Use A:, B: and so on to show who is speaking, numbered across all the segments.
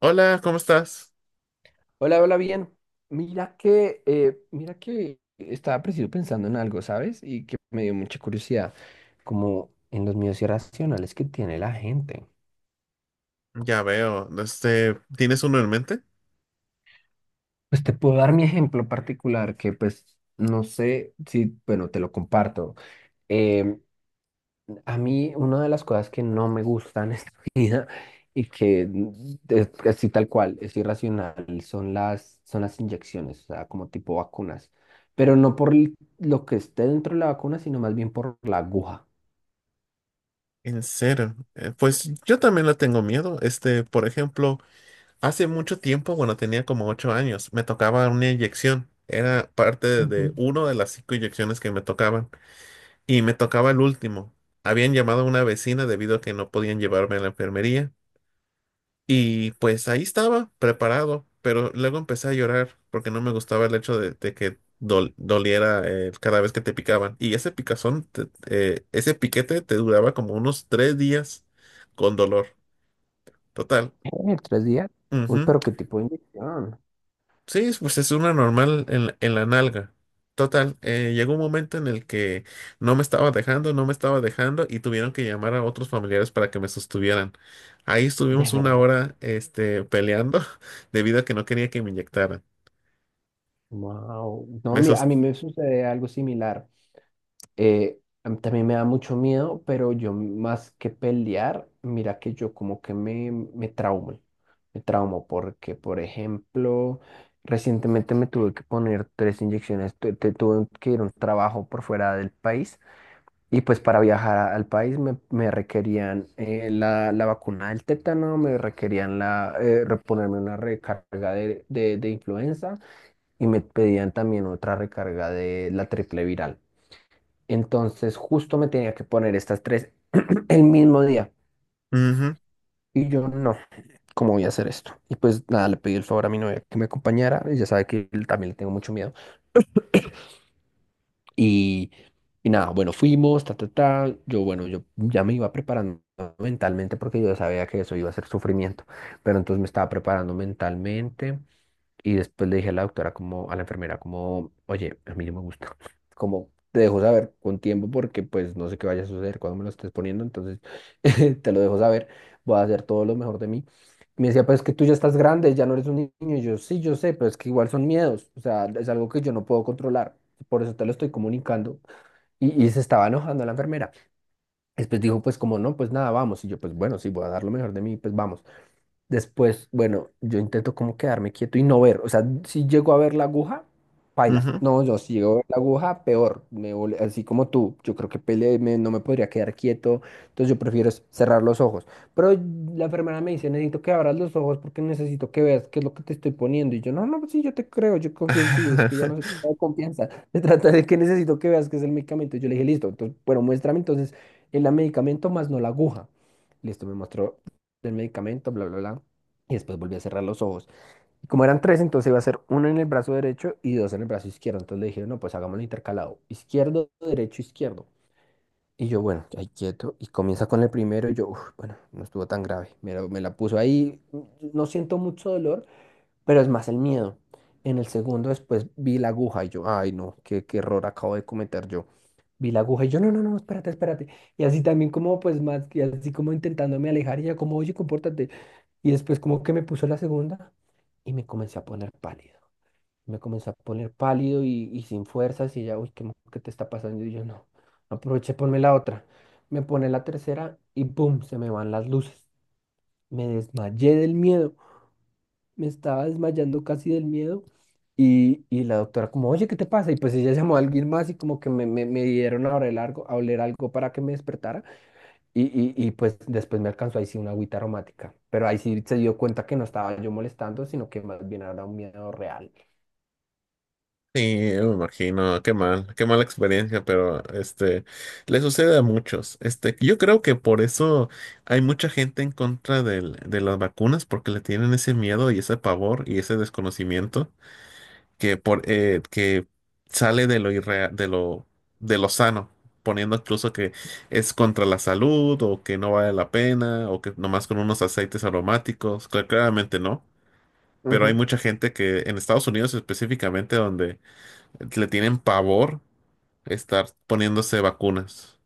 A: Hola, ¿cómo estás?
B: Hola, hola, bien. Mira que estaba preciso pensando en algo, ¿sabes? Y que me dio mucha curiosidad, como en los miedos irracionales que tiene la gente.
A: Ya veo, este, ¿tienes uno en mente?
B: Pues te puedo dar mi ejemplo particular, que pues no sé si, bueno, te lo comparto. Em, A mí una de las cosas que no me gusta en esta vida y que es así tal cual, es irracional, son las inyecciones, o sea, como tipo vacunas. Pero no por lo que esté dentro de la vacuna, sino más bien por la aguja.
A: En serio, pues yo también le tengo miedo. Este, por ejemplo, hace mucho tiempo, bueno, tenía como 8 años, me tocaba una inyección. Era parte de
B: Ujú.
A: uno de las 5 inyecciones que me tocaban y me tocaba el último. Habían llamado a una vecina debido a que no podían llevarme a la enfermería. Y pues ahí estaba, preparado, pero luego empecé a llorar porque no me gustaba el hecho de que doliera, cada vez que te picaban. Y ese picazón, ese piquete te duraba como unos 3 días con dolor. Total.
B: Tres días. Uy,
A: Ujú.
B: pero qué tipo de inyección.
A: Sí, pues es una normal la en la nalga. Total, llegó un momento en el que no me estaba dejando y tuvieron que llamar a otros familiares para que me sostuvieran. Ahí
B: De
A: estuvimos una
B: verdad.
A: hora, este, peleando debido a que no quería que me inyectaran.
B: Wow. No,
A: Me
B: mira,
A: sos-
B: a mí me sucede algo similar. A mí también me da mucho miedo, pero yo más que pelear, mira que yo como que me, me traumo porque, por ejemplo, recientemente me tuve que poner tres inyecciones, tuve que ir a un trabajo por fuera del país y pues para viajar al país me, me requerían la, la vacuna del tétano, me requerían la, reponerme una recarga de, de influenza y me pedían también otra recarga de la triple viral. Entonces justo me tenía que poner estas tres el mismo día. Y yo no, ¿cómo voy a hacer esto? Y pues nada, le pedí el favor a mi novia que me acompañara. Ella sabe que él también le tengo mucho miedo. Y, y nada, bueno, fuimos, ta, ta, ta. Yo, bueno, yo ya me iba preparando mentalmente porque yo sabía que eso iba a ser sufrimiento. Pero entonces me estaba preparando mentalmente. Y después le dije a la doctora, como, a la enfermera, como, oye, a mí no me gusta. Como, te dejo saber con tiempo porque pues no sé qué vaya a suceder cuando me lo estés poniendo, entonces te lo dejo saber, voy a hacer todo lo mejor de mí. Me decía, pues que tú ya estás grande, ya no eres un niño. Y yo, sí, yo sé, pero es que igual son miedos, o sea, es algo que yo no puedo controlar. Por eso te lo estoy comunicando. Y se estaba enojando la enfermera. Después dijo, pues como no, pues nada, vamos. Y yo, pues bueno, sí, voy a dar lo mejor de mí, pues vamos. Después, bueno, yo intento como quedarme quieto y no ver. O sea, si llego a ver la aguja,
A: Ujú,
B: paila.
A: ujú.
B: No, yo si llego a ver la aguja, peor. Me, así como tú, yo creo que pele, no me podría quedar quieto. Entonces yo prefiero es cerrar los ojos. Pero la enfermera me dice, necesito que abras los ojos porque necesito que veas qué es lo que te estoy poniendo. Y yo, no, no, pues sí, yo te creo, yo confío en ti. Es que ya no se trata de confianza. Se trata de que necesito que veas qué es el medicamento. Yo le dije, listo, entonces, bueno, muéstrame entonces el medicamento más no la aguja. Listo, me mostró del medicamento, bla, bla, bla. Y después volví a cerrar los ojos. Y como eran tres, entonces iba a ser uno en el brazo derecho y dos en el brazo izquierdo. Entonces le dije, no, pues hagámoslo intercalado. Izquierdo, derecho, izquierdo. Y yo, bueno, ahí quieto. Y comienza con el primero. Y yo, "Uf, bueno, no estuvo tan grave. Me la puso ahí. No siento mucho dolor, pero es más el miedo. En el segundo después vi la aguja y yo, ay no, qué, qué error acabo de cometer yo. Vi la aguja y yo, no, no, no, espérate, espérate. Y así también como pues más, y así como intentándome alejar y ella como, oye, compórtate. Y después como que me puso la segunda y me comencé a poner pálido. Me comencé a poner pálido y sin fuerzas y ya, uy, ¿qué, qué te está pasando? Y yo no, aproveché, ponme la otra. Me pone la tercera y ¡pum! Se me van las luces. Me desmayé del miedo. Me estaba desmayando casi del miedo. Y la doctora como, oye, ¿qué te pasa? Y pues ella llamó a alguien más y como que me, me dieron a oler algo para que me despertara. Y, y pues después me alcanzó ahí sí una agüita aromática, pero ahí sí se dio cuenta que no estaba yo molestando, sino que más bien era un miedo real.
A: Sí, me imagino, qué mal, qué mala experiencia, pero este le sucede a muchos. Este, yo creo que por eso hay mucha gente en contra de las vacunas, porque le tienen ese miedo y ese pavor y ese desconocimiento que por que sale de de lo sano, poniendo incluso que es contra la salud o que no vale la pena o que nomás con unos aceites aromáticos, claramente no. Pero hay
B: Ujú.
A: mucha gente que en Estados Unidos específicamente donde le tienen pavor estar poniéndose vacunas.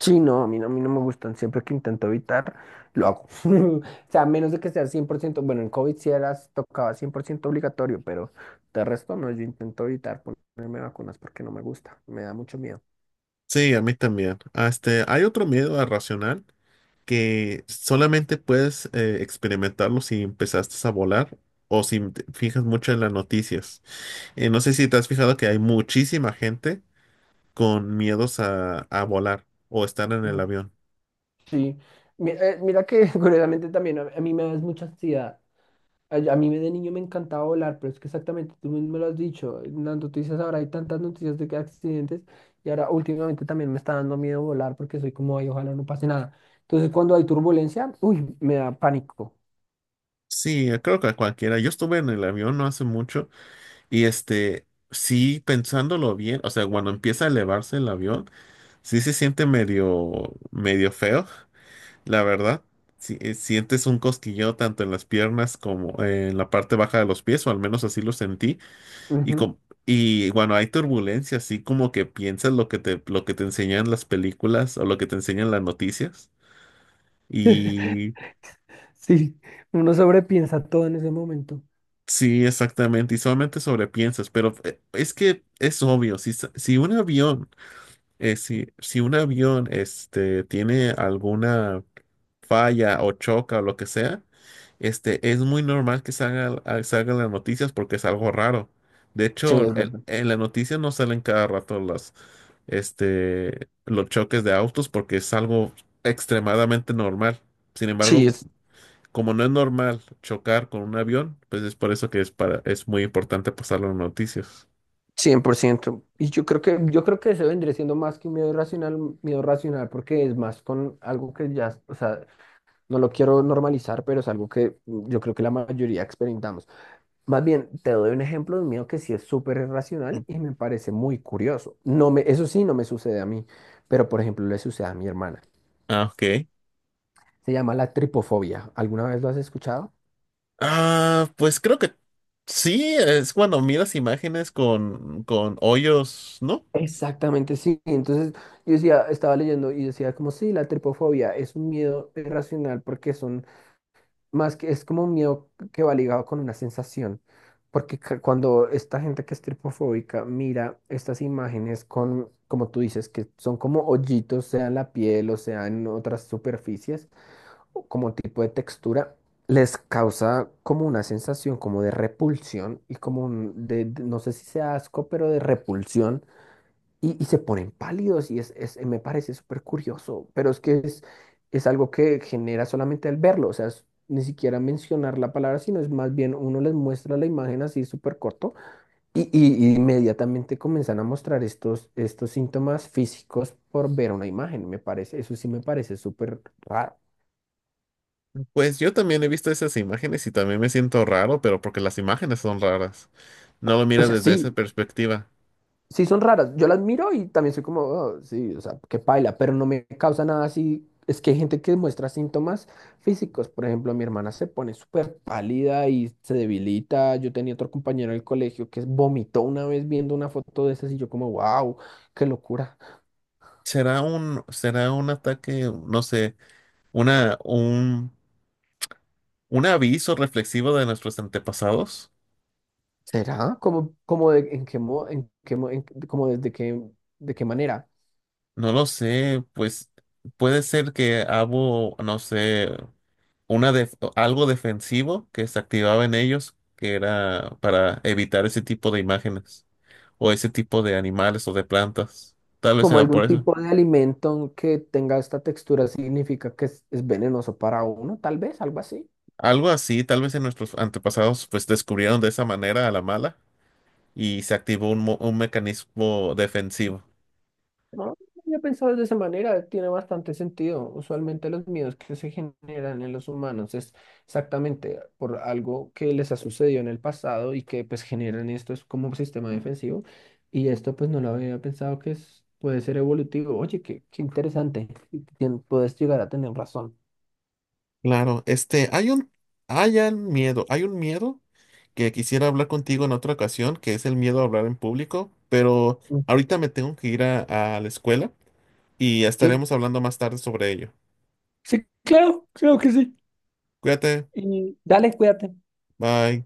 B: Sí, no, a mí no, a mí no me gustan, siempre que intento evitar, lo hago. O sea, a menos de que sea 100% bueno, en COVID sí era, tocaba 100% obligatorio, pero de resto no, yo intento evitar ponerme vacunas porque no me gusta, me da mucho miedo.
A: Sí, a mí también. Ah, este, hay otro miedo irracional que solamente puedes, experimentarlo si empezaste a volar o si te fijas mucho en las noticias. No sé si te has fijado que hay muchísima gente con miedos a volar o estar en el
B: Mm,
A: avión.
B: Sí, mira que curiosamente también a mí me da es mucha ansiedad. A mí de niño me encantaba volar, pero es que exactamente tú mismo lo has dicho. En las noticias ahora hay tantas noticias de que accidentes y ahora últimamente también me está dando miedo volar porque soy como, ay, ojalá no pase nada. Entonces cuando hay turbulencia, uy, me da pánico.
A: Sí, creo que a cualquiera. Yo estuve en el avión no hace mucho y este, sí, pensándolo bien, o sea, cuando empieza a elevarse el avión. Sí se siente medio feo, la verdad. Si sientes un cosquilleo tanto en las piernas como en la parte baja de los pies, o al menos así lo sentí. Y,
B: Ujú.
A: com- y bueno, hay turbulencia, así como que piensas lo que lo que te enseñan las películas o lo que te enseñan las noticias. Y
B: Sí, uno sobrepiensa todo en ese momento.
A: sí, exactamente, y solamente sobrepiensas, pero es que es obvio, si un avión, si un avión este, tiene alguna falla o choca o lo que sea, este, es muy normal que salgan las noticias porque es algo raro. De
B: Sí,
A: hecho,
B: es verdad.
A: en las noticias no salen cada rato este, los choques de autos porque es algo extremadamente normal. Sin
B: Sí,
A: embargo,
B: es
A: como no es normal chocar con un avión, pues es por eso que es muy importante pasarlo en noticias.
B: 100%. Y yo creo que eso vendría siendo más que un miedo irracional, un miedo racional, porque es más con algo que ya, o sea, no lo quiero normalizar, pero es algo que yo creo que la mayoría experimentamos. Más bien, te doy un ejemplo de un miedo que sí es súper irracional y me parece muy curioso. No me, eso sí, no me sucede a mí, pero por ejemplo, le sucede a mi hermana.
A: Ah, ok.
B: Se llama la tripofobia. ¿Alguna vez lo has escuchado?
A: Ah, pues creo que sí, es cuando miras imágenes con hoyos, ¿no?
B: Exactamente, sí. Entonces yo decía, estaba leyendo y decía como sí, la tripofobia es un miedo irracional porque son más que es como un miedo que va ligado con una sensación, porque cuando esta gente que es tripofóbica mira estas imágenes con, como tú dices, que son como hoyitos, sea en la piel o sea en otras superficies, o como tipo de textura, les causa como una sensación como de repulsión y como un, de, no sé si sea asco, pero de repulsión y se ponen pálidos y es, me parece súper curioso, pero es que es algo que genera solamente al verlo, o sea, ni siquiera mencionar la palabra, sino es más bien uno les muestra la imagen así súper corto y, y inmediatamente comienzan a mostrar estos, estos síntomas físicos por ver una imagen, me parece, eso sí me parece súper raro.
A: Pues yo también he visto esas imágenes y también me siento raro, pero porque las imágenes son raras. No lo
B: O
A: miras
B: sea,
A: desde esa
B: sí,
A: perspectiva.
B: sí son raras. Yo las miro y también soy como, "Oh, sí, o sea, qué paila, pero no me causa nada así. Es que hay gente que muestra síntomas físicos. Por ejemplo, mi hermana se pone súper pálida y se debilita. Yo tenía otro compañero del colegio que vomitó una vez viendo una foto de esas y yo como, wow, qué locura.
A: Será un ataque, no sé, una, un, un aviso reflexivo de nuestros antepasados.
B: ¿Será? ¿Cómo, cómo en qué en qué en- como desde qué, de qué manera?
A: No lo sé, pues puede ser que hubo, no sé, una algo defensivo que se activaba en ellos, que era para evitar ese tipo de imágenes o ese tipo de animales o de plantas. Tal vez
B: Como
A: era por
B: algún
A: eso.
B: tipo de alimento que tenga esta textura significa que es venenoso para uno, tal vez, algo así.
A: Algo así, tal vez en nuestros antepasados pues descubrieron de esa manera a la mala y se activó un mecanismo defensivo.
B: No, yo he pensado de esa manera, tiene bastante sentido. Usualmente los miedos que se generan en los humanos es exactamente por algo que les ha sucedido en el pasado y que pues generan esto es como un sistema defensivo y esto pues no lo había pensado que es, puede ser evolutivo. Oye, qué, qué interesante. Y puedes llegar a tener razón.
A: Claro, este, hay un miedo que quisiera hablar contigo en otra ocasión, que es el miedo a hablar en público, pero
B: Mm.
A: ahorita me tengo que ir a la escuela. Y
B: Sí,
A: estaremos hablando más tarde sobre ello.
B: sí, claro, creo que sí.
A: Cuídate,
B: Y dale, cuídate.
A: bye.